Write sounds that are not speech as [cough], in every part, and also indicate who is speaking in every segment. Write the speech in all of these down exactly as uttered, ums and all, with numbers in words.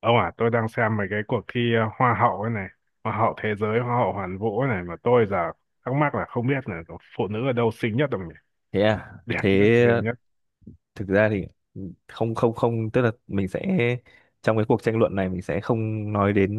Speaker 1: Ông à, tôi đang xem mấy cái cuộc thi ờ, hoa hậu ấy này, hoa hậu thế giới, hoa hậu hoàn vũ ấy này mà tôi giờ thắc mắc là không biết là phụ nữ ở đâu xinh nhất không nhỉ?
Speaker 2: Thế à?
Speaker 1: Đẹp
Speaker 2: Thế
Speaker 1: nhất, xinh nhất.
Speaker 2: thực ra thì, không, không, không, tức là mình sẽ trong cái cuộc tranh luận này mình sẽ không nói đến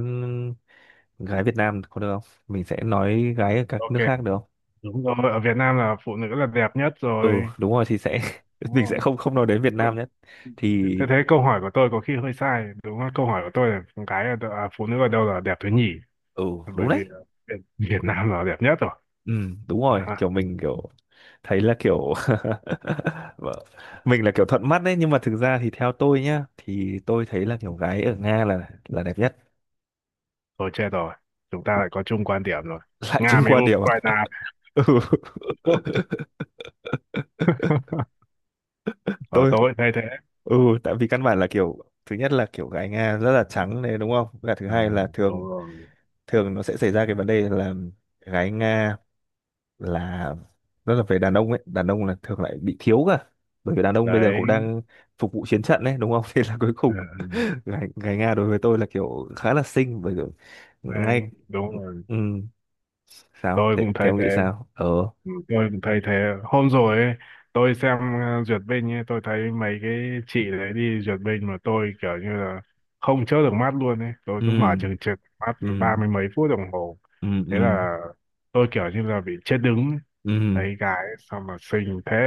Speaker 2: gái Việt Nam có được không? Mình sẽ nói
Speaker 1: À,
Speaker 2: gái ở các
Speaker 1: ok,
Speaker 2: nước khác được không?
Speaker 1: đúng rồi, ở Việt Nam là phụ nữ là đẹp nhất
Speaker 2: Ừ,
Speaker 1: rồi.
Speaker 2: đúng rồi thì
Speaker 1: Thì-
Speaker 2: sẽ. [laughs]
Speaker 1: Đúng
Speaker 2: Mình sẽ
Speaker 1: rồi.
Speaker 2: không không nói đến Việt Nam nhất thì.
Speaker 1: Thế thế câu hỏi của tôi có khi hơi sai, đúng không? Câu hỏi của tôi là con gái ở đâu- à, phụ nữ ở đâu là đẹp thứ nhì,
Speaker 2: Ừ, đúng
Speaker 1: bởi vì
Speaker 2: đấy.
Speaker 1: ờ, Việt, Việt Nam là đẹp nhất rồi.
Speaker 2: Ừ, đúng rồi,
Speaker 1: À,
Speaker 2: kiểu mình kiểu thấy là kiểu. [laughs] Vâng. Mình là kiểu thuận mắt đấy, nhưng mà thực ra thì theo tôi nhá, thì tôi thấy là kiểu gái ở Nga là là đẹp nhất.
Speaker 1: thôi chết rồi, chúng ta lại có chung quan điểm rồi.
Speaker 2: [laughs] Lại
Speaker 1: Nga
Speaker 2: chung
Speaker 1: với
Speaker 2: qua điểm à?
Speaker 1: Ukraine.
Speaker 2: [laughs] Ừ,
Speaker 1: [laughs] Ở
Speaker 2: tôi,
Speaker 1: tôi thay thế.
Speaker 2: ừ, tại vì căn bản là kiểu thứ nhất là kiểu gái Nga rất là trắng đấy đúng không, và thứ
Speaker 1: Ừ,
Speaker 2: hai là
Speaker 1: đúng
Speaker 2: thường
Speaker 1: rồi
Speaker 2: thường nó sẽ xảy ra cái vấn đề là gái Nga là rất là về đàn ông ấy, đàn ông là thường lại bị thiếu cả, bởi vì đàn ông bây giờ cũng
Speaker 1: đấy.
Speaker 2: đang phục vụ chiến trận đấy đúng không. [laughs] Thế là cuối
Speaker 1: Ừ,
Speaker 2: cùng
Speaker 1: ừ,
Speaker 2: gái, gái Nga đối với tôi là kiểu khá là xinh, bởi vì
Speaker 1: đấy
Speaker 2: ngay.
Speaker 1: đúng rồi,
Speaker 2: Ừ, sao
Speaker 1: tôi
Speaker 2: thế,
Speaker 1: cũng
Speaker 2: thế
Speaker 1: thay
Speaker 2: ông
Speaker 1: thế.
Speaker 2: nghĩ sao? ờ
Speaker 1: Ừ, tôi cũng thay thế hôm rồi ấy, tôi xem ờ, duyệt binh ấy, tôi thấy mấy cái chị đấy đi duyệt binh mà tôi kiểu như là không chớp được mắt luôn ấy, tôi cứ mở
Speaker 2: ừ,
Speaker 1: chừng chừng mắt
Speaker 2: ừ,
Speaker 1: ba mươi mấy phút đồng hồ.
Speaker 2: ừ, ừ,
Speaker 1: Thế là tôi kiểu như là bị chết đứng,
Speaker 2: ừ,
Speaker 1: thấy gái sao mà xinh thế,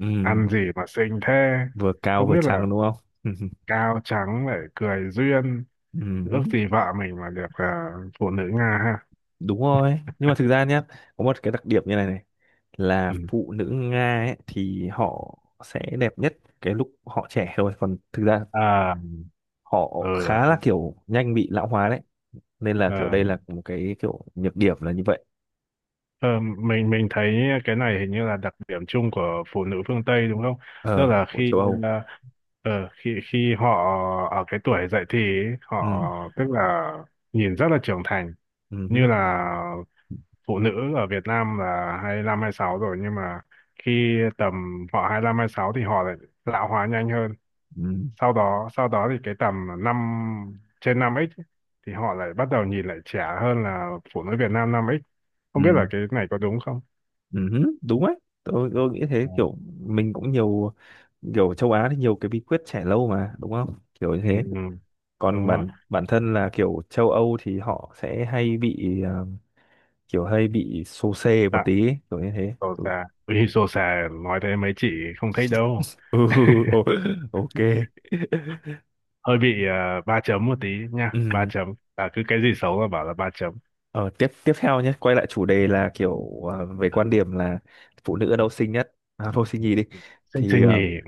Speaker 2: ừ.
Speaker 1: ăn gì mà xinh thế,
Speaker 2: Vừa cao
Speaker 1: không
Speaker 2: vừa
Speaker 1: biết là
Speaker 2: trắng đúng không? [laughs]
Speaker 1: cao trắng lại cười duyên.
Speaker 2: Ừ,
Speaker 1: Ước gì vợ mình mà được à, phụ nữ Nga ha.
Speaker 2: đúng rồi, nhưng mà thực ra nhé, có một cái đặc điểm như này này, là
Speaker 1: Ừ.
Speaker 2: phụ nữ Nga ấy, thì họ sẽ đẹp nhất cái lúc họ trẻ thôi, còn thực ra
Speaker 1: À.
Speaker 2: họ
Speaker 1: Ờ.
Speaker 2: khá là kiểu nhanh bị lão hóa đấy, nên là kiểu
Speaker 1: ờ,
Speaker 2: đây là một cái kiểu nhược điểm là như vậy.
Speaker 1: ờ, mình mình thấy cái này hình như là đặc điểm chung của phụ nữ phương Tây đúng không, tức
Speaker 2: ờ
Speaker 1: là
Speaker 2: của
Speaker 1: khi
Speaker 2: châu Âu.
Speaker 1: à, ờ, khi khi họ ở cái tuổi dậy thì ấy, họ
Speaker 2: Ừ,
Speaker 1: tức là nhìn rất là trưởng thành,
Speaker 2: ừ,
Speaker 1: như
Speaker 2: ừ,
Speaker 1: là phụ nữ ở Việt Nam là hai mươi lăm sáu rồi nhưng mà khi tầm họ hai lăm sáu thì họ lại lão hóa nhanh hơn,
Speaker 2: ừ,
Speaker 1: sau đó sau đó thì cái tầm năm trên năm x ấy, thì họ lại bắt đầu nhìn lại trẻ hơn là phụ nữ Việt Nam năm x. Không biết là
Speaker 2: ừ,
Speaker 1: cái này có đúng không.
Speaker 2: ừ, ừ, đúng đấy. Tôi, tôi nghĩ thế,
Speaker 1: Ờ,
Speaker 2: kiểu mình cũng nhiều kiểu châu Á thì nhiều cái bí quyết trẻ lâu mà, đúng không, kiểu như
Speaker 1: ừ,
Speaker 2: thế.
Speaker 1: ừ, đúng
Speaker 2: Còn
Speaker 1: rồi.
Speaker 2: bản bản thân là kiểu châu Âu thì họ sẽ hay bị, à, kiểu hay bị xô xê một
Speaker 1: Tại
Speaker 2: tí ấy, kiểu như thế.
Speaker 1: sổ
Speaker 2: Ừ.
Speaker 1: xà.
Speaker 2: [laughs]
Speaker 1: Ui, sổ xà nói thế mấy chị không thích đâu,
Speaker 2: Ừ, ô- ok.
Speaker 1: hơi bị ờ, ba chấm một tí nha. Ba
Speaker 2: Ừ.
Speaker 1: chấm à, cứ cái gì xấu là bảo là ba chấm.
Speaker 2: Ờ, tiếp tiếp theo nhé, quay lại chủ đề là kiểu, à, về
Speaker 1: À,
Speaker 2: quan điểm là phụ nữ ở đâu xinh nhất, à, thôi xinh nhì đi
Speaker 1: Sinh
Speaker 2: thì,
Speaker 1: sinh
Speaker 2: à,
Speaker 1: nhỉ.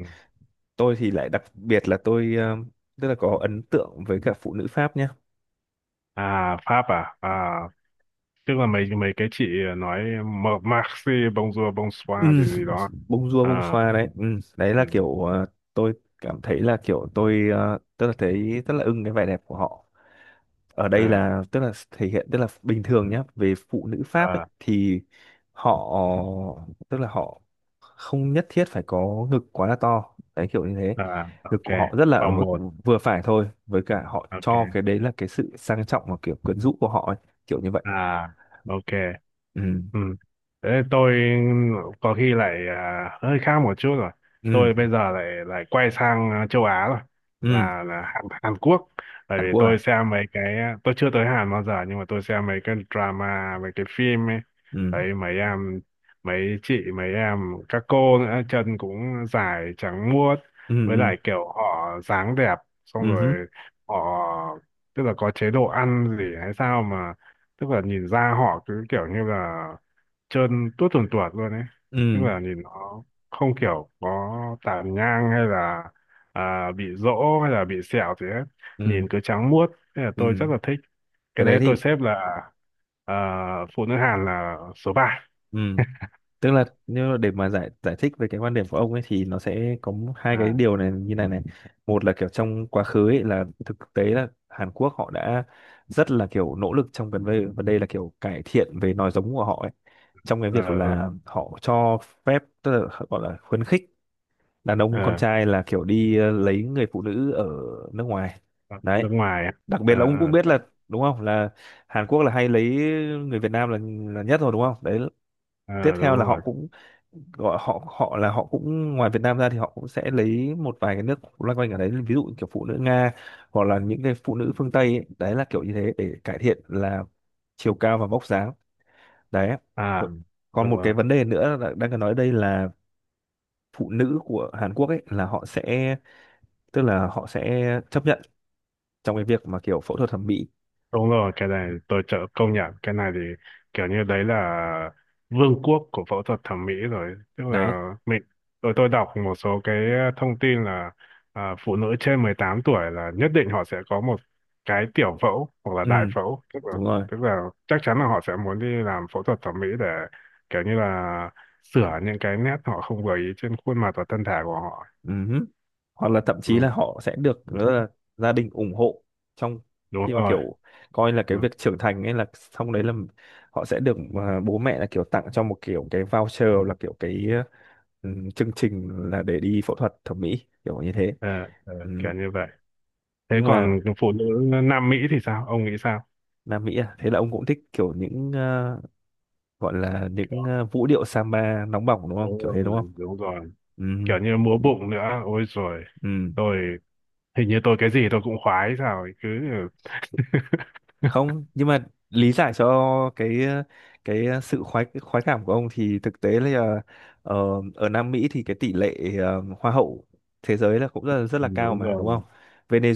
Speaker 2: tôi thì lại đặc biệt là tôi, à, tức là có ấn tượng với cả phụ nữ Pháp nhé.
Speaker 1: À, Pháp à, à tức là mấy mấy cái chị nói Marxi bonjour bonsoir gì gì đó.
Speaker 2: Bông dua bông
Speaker 1: À.
Speaker 2: xoa đấy. Ừ. Đấy
Speaker 1: Ừ,
Speaker 2: là kiểu, ờ, tôi cảm thấy là kiểu tôi, ờ, tức là thấy rất là ưng cái vẻ đẹp của họ, ở đây là tức là thể hiện, tức là bình thường nhá, về phụ nữ Pháp ấy
Speaker 1: ừ.
Speaker 2: thì họ, tức là họ không nhất thiết phải có ngực quá là to đấy, kiểu như thế.
Speaker 1: À,
Speaker 2: Ngực
Speaker 1: ok.
Speaker 2: của họ rất là ở
Speaker 1: Vòng
Speaker 2: mức
Speaker 1: một.
Speaker 2: vừa phải thôi, với cả họ cho cái
Speaker 1: Ok.
Speaker 2: đấy là cái sự sang trọng và kiểu quyến rũ của họ ấy. Kiểu như vậy.
Speaker 1: À, ok.
Speaker 2: Ừ,
Speaker 1: Ừ. Thế tôi có khi lại à, hơi khác một chút rồi.
Speaker 2: ừ,
Speaker 1: Tôi bây giờ lại lại quay sang à, châu Á rồi,
Speaker 2: ừ.
Speaker 1: là là Hàn, Hàn Quốc. Bởi vì
Speaker 2: Hàn Quốc
Speaker 1: tôi
Speaker 2: à?
Speaker 1: xem mấy cái Tôi chưa tới Hàn bao giờ nhưng mà tôi xem mấy cái drama, mấy cái phim ấy.
Speaker 2: Ừ,
Speaker 1: Thấy mấy em mấy chị mấy em các cô nữa, chân cũng dài trắng muốt,
Speaker 2: ừ,
Speaker 1: với
Speaker 2: ừ,
Speaker 1: lại kiểu họ dáng đẹp. Xong
Speaker 2: ừ, ừ,
Speaker 1: rồi họ tức là có chế độ ăn gì hay sao mà, tức là nhìn ra họ cứ kiểu như là trơn tuốt tuồn tuột luôn ấy, tức
Speaker 2: ừ.
Speaker 1: là nhìn nó không kiểu có tàn nhang hay là à, bị rỗ hay là bị sẹo gì hết,
Speaker 2: Ừ,
Speaker 1: nhìn cứ trắng muốt, nên là
Speaker 2: ừ.
Speaker 1: tôi rất là thích.
Speaker 2: Cái
Speaker 1: Cái
Speaker 2: đấy
Speaker 1: đấy tôi
Speaker 2: thì.
Speaker 1: xếp là à, phụ nữ Hàn là số ba.
Speaker 2: Ừ, tức là nếu mà để mà giải giải thích về cái quan điểm của ông ấy thì nó sẽ có, m- hai cái
Speaker 1: À.
Speaker 2: điều này như này này. Một là kiểu trong quá khứ ấy là thực tế là Hàn Quốc họ đã rất là kiểu nỗ lực trong gần đây, và đây là kiểu cải thiện về nòi giống của họ ấy, trong cái
Speaker 1: ờ
Speaker 2: việc
Speaker 1: ờ
Speaker 2: là họ cho phép, tức là họ gọi là khuyến khích đàn ông con
Speaker 1: ờ,
Speaker 2: trai là kiểu đi, ờ, lấy người phụ nữ ở nước ngoài đấy.
Speaker 1: nước ngoài.
Speaker 2: Đặc
Speaker 1: ờ
Speaker 2: biệt là ông cũng biết
Speaker 1: ờ
Speaker 2: là đúng không, là Hàn Quốc là hay lấy người Việt Nam là là nhất rồi đúng không đấy. Tiếp
Speaker 1: ờ,
Speaker 2: theo
Speaker 1: đúng
Speaker 2: là họ
Speaker 1: rồi.
Speaker 2: cũng gọi họ, họ là họ cũng ngoài Việt Nam ra thì họ cũng sẽ lấy một vài cái nước loanh quanh ở đấy, ví dụ kiểu phụ nữ Nga hoặc là những cái phụ nữ phương Tây ấy. Đấy là kiểu như thế để cải thiện là chiều cao và vóc dáng đấy. Ừ.
Speaker 1: À.
Speaker 2: Còn một cái
Speaker 1: Ờ.
Speaker 2: vấn đề nữa là đang cần nói đây là phụ nữ của Hàn Quốc ấy, là họ sẽ, tức là họ sẽ chấp nhận trong cái việc mà kiểu phẫu thuật thẩm mỹ
Speaker 1: Đúng rồi, cái này tôi chợ công nhận, cái này thì kiểu như đấy là vương quốc của phẫu thuật thẩm mỹ rồi, tức
Speaker 2: đấy.
Speaker 1: là mình, tôi tôi đọc một số cái thông tin là à, phụ nữ trên mười tám tuổi là nhất định họ sẽ có một cái tiểu phẫu hoặc là
Speaker 2: Ừ,
Speaker 1: đại phẫu, tức là,
Speaker 2: đúng rồi.
Speaker 1: tức là chắc chắn là họ sẽ muốn đi làm phẫu thuật thẩm mỹ để kiểu như là sửa những cái nét họ không vừa ý trên khuôn mặt và thân thể của họ.
Speaker 2: Ừm, Hoặc là thậm
Speaker 1: Ừ,
Speaker 2: chí là họ sẽ được rất là gia đình ủng hộ trong
Speaker 1: đúng
Speaker 2: khi mà
Speaker 1: rồi.
Speaker 2: kiểu coi là
Speaker 1: Ừ.
Speaker 2: cái việc trưởng thành ấy là xong đấy, là họ sẽ được, à, bố mẹ là kiểu tặng cho một kiểu cái voucher, là kiểu cái, ừm, chương trình là để đi phẫu thuật thẩm mỹ, kiểu như thế.
Speaker 1: ờ, ờ,
Speaker 2: Ừm.
Speaker 1: kiểu như vậy. Thế
Speaker 2: Nhưng mà
Speaker 1: còn phụ nữ Nam Mỹ thì sao, ông nghĩ sao?
Speaker 2: Nam Mỹ à, thế là ông cũng thích kiểu những, ờ, gọi là những,
Speaker 1: Đó,
Speaker 2: ờ, vũ điệu samba nóng bỏng đúng không?
Speaker 1: đúng
Speaker 2: Kiểu thế đúng
Speaker 1: rồi, đúng rồi,
Speaker 2: không?
Speaker 1: kiểu như múa bụng nữa, ôi rồi,
Speaker 2: Ừ.
Speaker 1: tôi hình như tôi cái gì tôi cũng khoái sao ấy, cứ [laughs]
Speaker 2: Không, nhưng mà lý giải cho cái cái sự khoái khoái cảm của ông, thì thực tế là, ờ, ở Nam Mỹ thì cái tỷ lệ, ờ, hoa hậu thế giới là cũng rất là, rất
Speaker 1: Ừ,
Speaker 2: là cao
Speaker 1: đúng
Speaker 2: mà đúng không.
Speaker 1: rồi.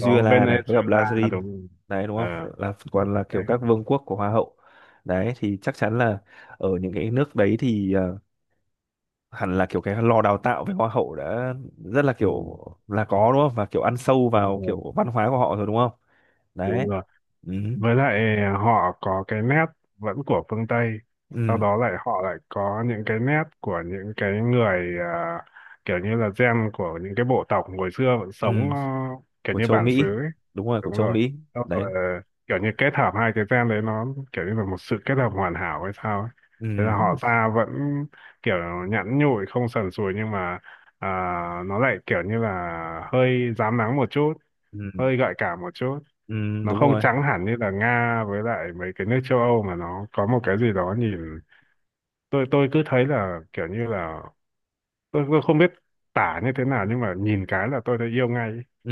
Speaker 1: Có
Speaker 2: này với cả
Speaker 1: Venezuela
Speaker 2: Brazil,
Speaker 1: đúng rồi.
Speaker 2: đấy đúng
Speaker 1: Ờ.
Speaker 2: không, là còn là
Speaker 1: Đấy.
Speaker 2: kiểu các vương quốc của hoa hậu đấy, thì chắc chắn là ở những cái nước đấy thì, ờ, hẳn là kiểu cái lò đào tạo về hoa hậu đã rất là
Speaker 1: Ừ,
Speaker 2: kiểu là có đúng không, và kiểu ăn sâu
Speaker 1: đúng
Speaker 2: vào
Speaker 1: rồi,
Speaker 2: kiểu văn hóa của họ rồi đúng không đấy.
Speaker 1: đúng rồi,
Speaker 2: Ừ,
Speaker 1: với lại à, họ có cái nét vẫn của phương Tây, sau
Speaker 2: ừ,
Speaker 1: đó lại họ lại có những cái nét của những cái người à, kiểu như là gen của những cái bộ tộc hồi xưa vẫn
Speaker 2: ừ.
Speaker 1: sống ờ, kiểu
Speaker 2: Của
Speaker 1: như
Speaker 2: châu
Speaker 1: bản xứ
Speaker 2: Mỹ.
Speaker 1: ấy.
Speaker 2: Đúng rồi, của
Speaker 1: Đúng
Speaker 2: châu
Speaker 1: rồi.
Speaker 2: Mỹ
Speaker 1: Sau
Speaker 2: đấy.
Speaker 1: rồi ờ, kiểu như kết hợp hai cái gen đấy, nó kiểu như là một sự kết hợp hoàn hảo hay sao ấy. Thế
Speaker 2: Ừ,
Speaker 1: là họ da vẫn kiểu nhẵn nhụi không sần sùi nhưng mà à, nó lại kiểu như là hơi rám nắng một chút,
Speaker 2: ừ,
Speaker 1: hơi gợi cảm một chút,
Speaker 2: ừ,
Speaker 1: nó
Speaker 2: đúng
Speaker 1: không
Speaker 2: rồi.
Speaker 1: trắng hẳn như là Nga với lại mấy cái nước châu Âu mà nó có một cái gì đó nhìn, tôi tôi cứ thấy là kiểu như là tôi tôi không biết tả như thế nào nhưng mà nhìn cái là tôi đã yêu ngay ấy.
Speaker 2: Ừ.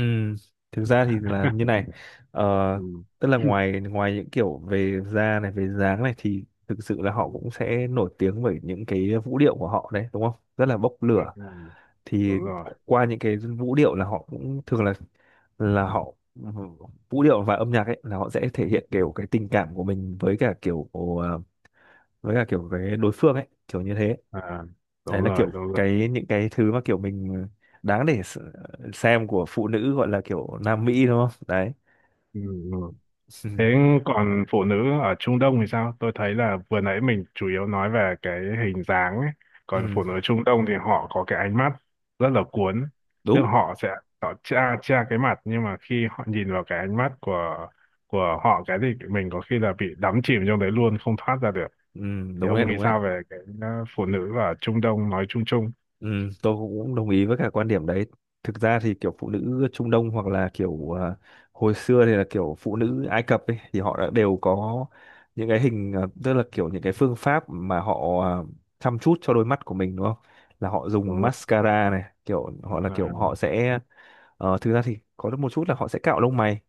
Speaker 2: Thực ra thì là như này, ờ,
Speaker 1: Ừ.
Speaker 2: tức là
Speaker 1: [clears throat]
Speaker 2: ngoài ngoài những kiểu về da này, về dáng này, thì thực sự là
Speaker 1: Ừ,
Speaker 2: họ cũng sẽ nổi tiếng bởi những cái vũ điệu của họ đấy, đúng không, rất là bốc
Speaker 1: đúng
Speaker 2: lửa.
Speaker 1: rồi,
Speaker 2: Thì
Speaker 1: đúng rồi.
Speaker 2: qua những cái vũ điệu là họ cũng thường là là họ, vũ điệu và âm nhạc ấy là họ sẽ thể hiện kiểu cái tình cảm của mình với cả kiểu, ờ, với cả kiểu cái đối phương ấy, kiểu như thế.
Speaker 1: À,
Speaker 2: Đấy
Speaker 1: đúng
Speaker 2: là
Speaker 1: rồi,
Speaker 2: kiểu
Speaker 1: đúng rồi.
Speaker 2: cái những cái thứ mà kiểu mình đáng để s- xem của phụ nữ gọi là kiểu Nam Mỹ đúng không đấy.
Speaker 1: Ừ. Ừ.
Speaker 2: [laughs] Ừ,
Speaker 1: Thế còn phụ nữ ở Trung Đông thì sao? Tôi thấy là vừa nãy mình chủ yếu nói về cái hình dáng ấy. Còn
Speaker 2: ừ,
Speaker 1: phụ nữ Trung Đông thì họ có cái ánh mắt rất là cuốn. Tức
Speaker 2: đúng.
Speaker 1: là họ sẽ, họ tra tra cái mặt nhưng mà khi họ nhìn vào cái ánh mắt của của họ cái thì mình có khi là bị đắm chìm trong đấy luôn không thoát ra được.
Speaker 2: Ừ,
Speaker 1: Thì
Speaker 2: đúng đấy,
Speaker 1: ông nghĩ
Speaker 2: đúng đấy.
Speaker 1: sao về cái ờ, phụ nữ ở Trung Đông nói chung chung?
Speaker 2: Ừ, tôi cũng đồng ý với cả quan điểm đấy. Thực ra thì kiểu phụ nữ Trung Đông, hoặc là kiểu, à, hồi xưa thì là kiểu phụ nữ Ai Cập ấy, thì họ đã đều có những cái hình, à, tức là kiểu những cái phương pháp mà họ, à, chăm chút cho đôi mắt của mình đúng không, là họ dùng
Speaker 1: Đúng rồi.
Speaker 2: mascara này, kiểu họ là kiểu
Speaker 1: À.
Speaker 2: họ sẽ. Ờ, thực ra thì có được một chút là họ sẽ cạo lông mày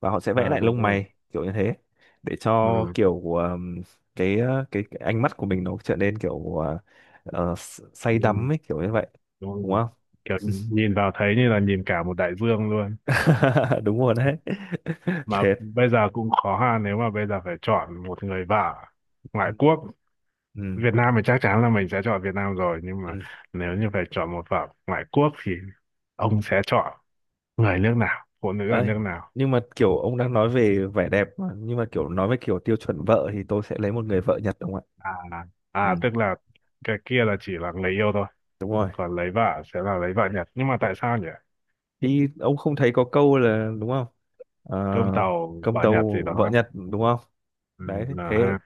Speaker 2: và họ sẽ vẽ
Speaker 1: à,
Speaker 2: lại
Speaker 1: đúng
Speaker 2: lông
Speaker 1: rồi.
Speaker 2: mày kiểu như thế, để cho
Speaker 1: Ừ.
Speaker 2: kiểu, ờm, cái, ờ, cái cái ánh mắt của mình nó trở nên kiểu, ờ, ờ, s- say
Speaker 1: Ừ.
Speaker 2: đắm ấy, kiểu như vậy
Speaker 1: Đúng
Speaker 2: đúng
Speaker 1: rồi.
Speaker 2: không?
Speaker 1: Kiểu nhìn vào thấy như là nhìn cả một đại dương luôn.
Speaker 2: [laughs] Đúng rồi đấy. [laughs]
Speaker 1: Mà
Speaker 2: Thế.
Speaker 1: bây giờ cũng khó ha, nếu mà bây giờ phải chọn một người vợ
Speaker 2: Ừ.
Speaker 1: ngoại quốc.
Speaker 2: Ừ.
Speaker 1: Việt Nam thì chắc chắn là mình sẽ chọn Việt Nam rồi nhưng
Speaker 2: Ừ.
Speaker 1: mà nếu như phải chọn một vợ ngoại quốc thì ông sẽ chọn người nước nào, phụ nữ ở
Speaker 2: Ấy,
Speaker 1: nước nào?
Speaker 2: nhưng mà kiểu ông đang nói về vẻ đẹp mà. Nhưng mà kiểu nói về kiểu tiêu chuẩn vợ thì tôi sẽ lấy một người vợ Nhật đúng không ạ?
Speaker 1: À.
Speaker 2: Ừ,
Speaker 1: À, tức là cái kia là chỉ là người yêu thôi,
Speaker 2: đúng rồi.
Speaker 1: còn lấy vợ sẽ là lấy vợ Nhật, nhưng mà tại sao nhỉ?
Speaker 2: Thì ông không thấy có câu là đúng không? Ờ,
Speaker 1: Cơm tàu
Speaker 2: công
Speaker 1: vợ Nhật gì
Speaker 2: tâu vợ
Speaker 1: đó.
Speaker 2: Nhật đúng không?
Speaker 1: Ừ,
Speaker 2: Đấy,
Speaker 1: là
Speaker 2: thế
Speaker 1: ha.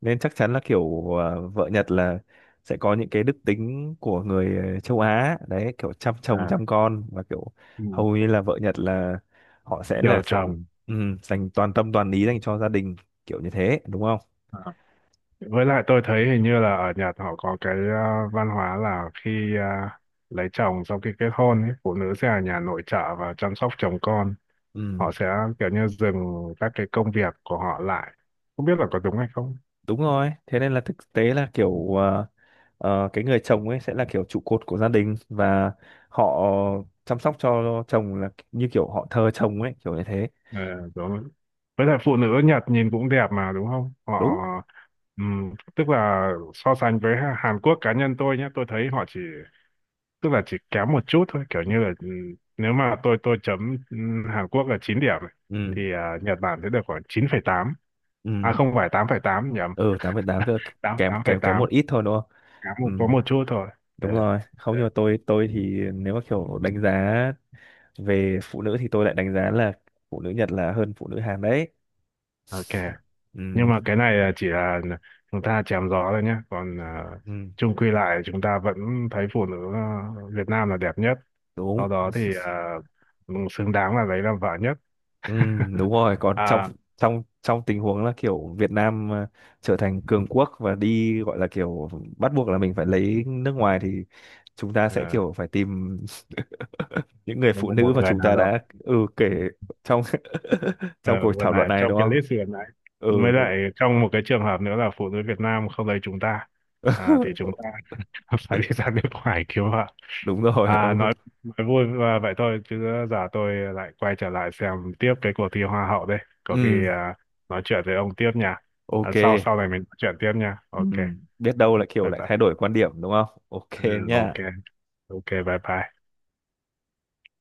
Speaker 2: nên chắc chắn là kiểu, ờ, vợ Nhật là sẽ có những cái đức tính của người, ờ, châu Á đấy, kiểu chăm chồng
Speaker 1: À.
Speaker 2: chăm con và kiểu
Speaker 1: Ừ.
Speaker 2: hầu như là vợ Nhật là họ sẽ
Speaker 1: Chiều
Speaker 2: là sự,
Speaker 1: chồng.
Speaker 2: ừ, dành toàn tâm toàn ý dành cho gia đình, kiểu như thế đúng không?
Speaker 1: À. Với lại tôi thấy hình như là ở Nhật họ có cái ờ, văn hóa là khi ờ, lấy chồng sau khi kết hôn ấy, phụ nữ sẽ ở nhà nội trợ và chăm sóc chồng con.
Speaker 2: Ừ,
Speaker 1: Họ sẽ kiểu như dừng các cái công việc của họ lại. Không biết là có đúng hay không?
Speaker 2: đúng rồi. Thế nên là thực tế là kiểu, ờ, Ờ, cái người chồng ấy sẽ là kiểu trụ cột của gia đình, và họ chăm sóc cho chồng là như kiểu họ thờ chồng ấy, kiểu như thế.
Speaker 1: Ờ, đúng rồi. Với lại phụ nữ Nhật nhìn cũng đẹp mà đúng không? Họ
Speaker 2: Đúng.
Speaker 1: ừm, tức là so sánh với Hàn Quốc cá nhân tôi nhé, tôi thấy họ chỉ, tức là chỉ kém một chút thôi, kiểu như là ừ, nếu mà tôi tôi chấm ừ, Hàn Quốc là chín điểm này,
Speaker 2: Ừ,
Speaker 1: thì à, Nhật Bản sẽ được khoảng chín phẩy tám, à
Speaker 2: ừ,
Speaker 1: không phải tám phẩy tám, nhầm.
Speaker 2: ừ. Tám phẩy tám giờ
Speaker 1: Tám
Speaker 2: kém
Speaker 1: tám phẩy
Speaker 2: kém kém
Speaker 1: tám
Speaker 2: một ít thôi đúng không?
Speaker 1: kém
Speaker 2: Ừ,
Speaker 1: một có một chút thôi. Ờ,
Speaker 2: đúng rồi. Không, nhưng mà tôi tôi thì nếu mà kiểu đánh giá về phụ nữ thì tôi lại đánh giá là phụ nữ Nhật là hơn phụ nữ Hàn đấy.
Speaker 1: ok. Nhưng
Speaker 2: Ừ,
Speaker 1: mà cái này là chỉ là chúng ta chém gió thôi nhé, còn à,
Speaker 2: ừ,
Speaker 1: chung quy lại chúng ta vẫn thấy phụ nữ à, Việt Nam là đẹp nhất,
Speaker 2: đúng.
Speaker 1: sau đó thì à, xứng đáng là lấy làm vợ nhất.
Speaker 2: Ừ,
Speaker 1: [laughs]
Speaker 2: đúng rồi, còn trong
Speaker 1: À.
Speaker 2: trong trong tình huống là kiểu Việt Nam, ờ, trở thành cường quốc và đi gọi là kiểu bắt buộc là mình phải lấy nước ngoài, thì chúng ta sẽ
Speaker 1: À,
Speaker 2: kiểu phải tìm [laughs] những người phụ
Speaker 1: một,
Speaker 2: nữ
Speaker 1: một
Speaker 2: mà
Speaker 1: người
Speaker 2: chúng
Speaker 1: nào
Speaker 2: ta
Speaker 1: đó.
Speaker 2: đã, ừ, kể trong [laughs] trong
Speaker 1: Ờ,
Speaker 2: cuộc
Speaker 1: vừa
Speaker 2: thảo luận
Speaker 1: lại
Speaker 2: này
Speaker 1: trong
Speaker 2: đúng
Speaker 1: cái lễ
Speaker 2: không.
Speaker 1: sửa lại, mới
Speaker 2: Ừ, đúng.
Speaker 1: lại trong một cái trường hợp nữa là phụ nữ Việt Nam không lấy chúng ta, à, thì chúng
Speaker 2: [laughs]
Speaker 1: ta [laughs] phải đi ra nước ngoài cứu họ.
Speaker 2: Đúng rồi.
Speaker 1: À,
Speaker 2: Ô,
Speaker 1: nói nói vui và vậy thôi chứ giờ tôi lại quay trở lại xem tiếp cái cuộc thi hoa hậu đây, có khi
Speaker 2: ừ,
Speaker 1: à, nói chuyện với ông tiếp nha. À,
Speaker 2: ok.
Speaker 1: sau sau này mình nói chuyện tiếp nha.
Speaker 2: Ừ.
Speaker 1: Ok,
Speaker 2: Biết đâu lại kiểu
Speaker 1: bye
Speaker 2: lại
Speaker 1: bye.
Speaker 2: thay đổi quan điểm đúng không, ok,
Speaker 1: Ừ. Ok.
Speaker 2: nhá.
Speaker 1: Ok, bye bye.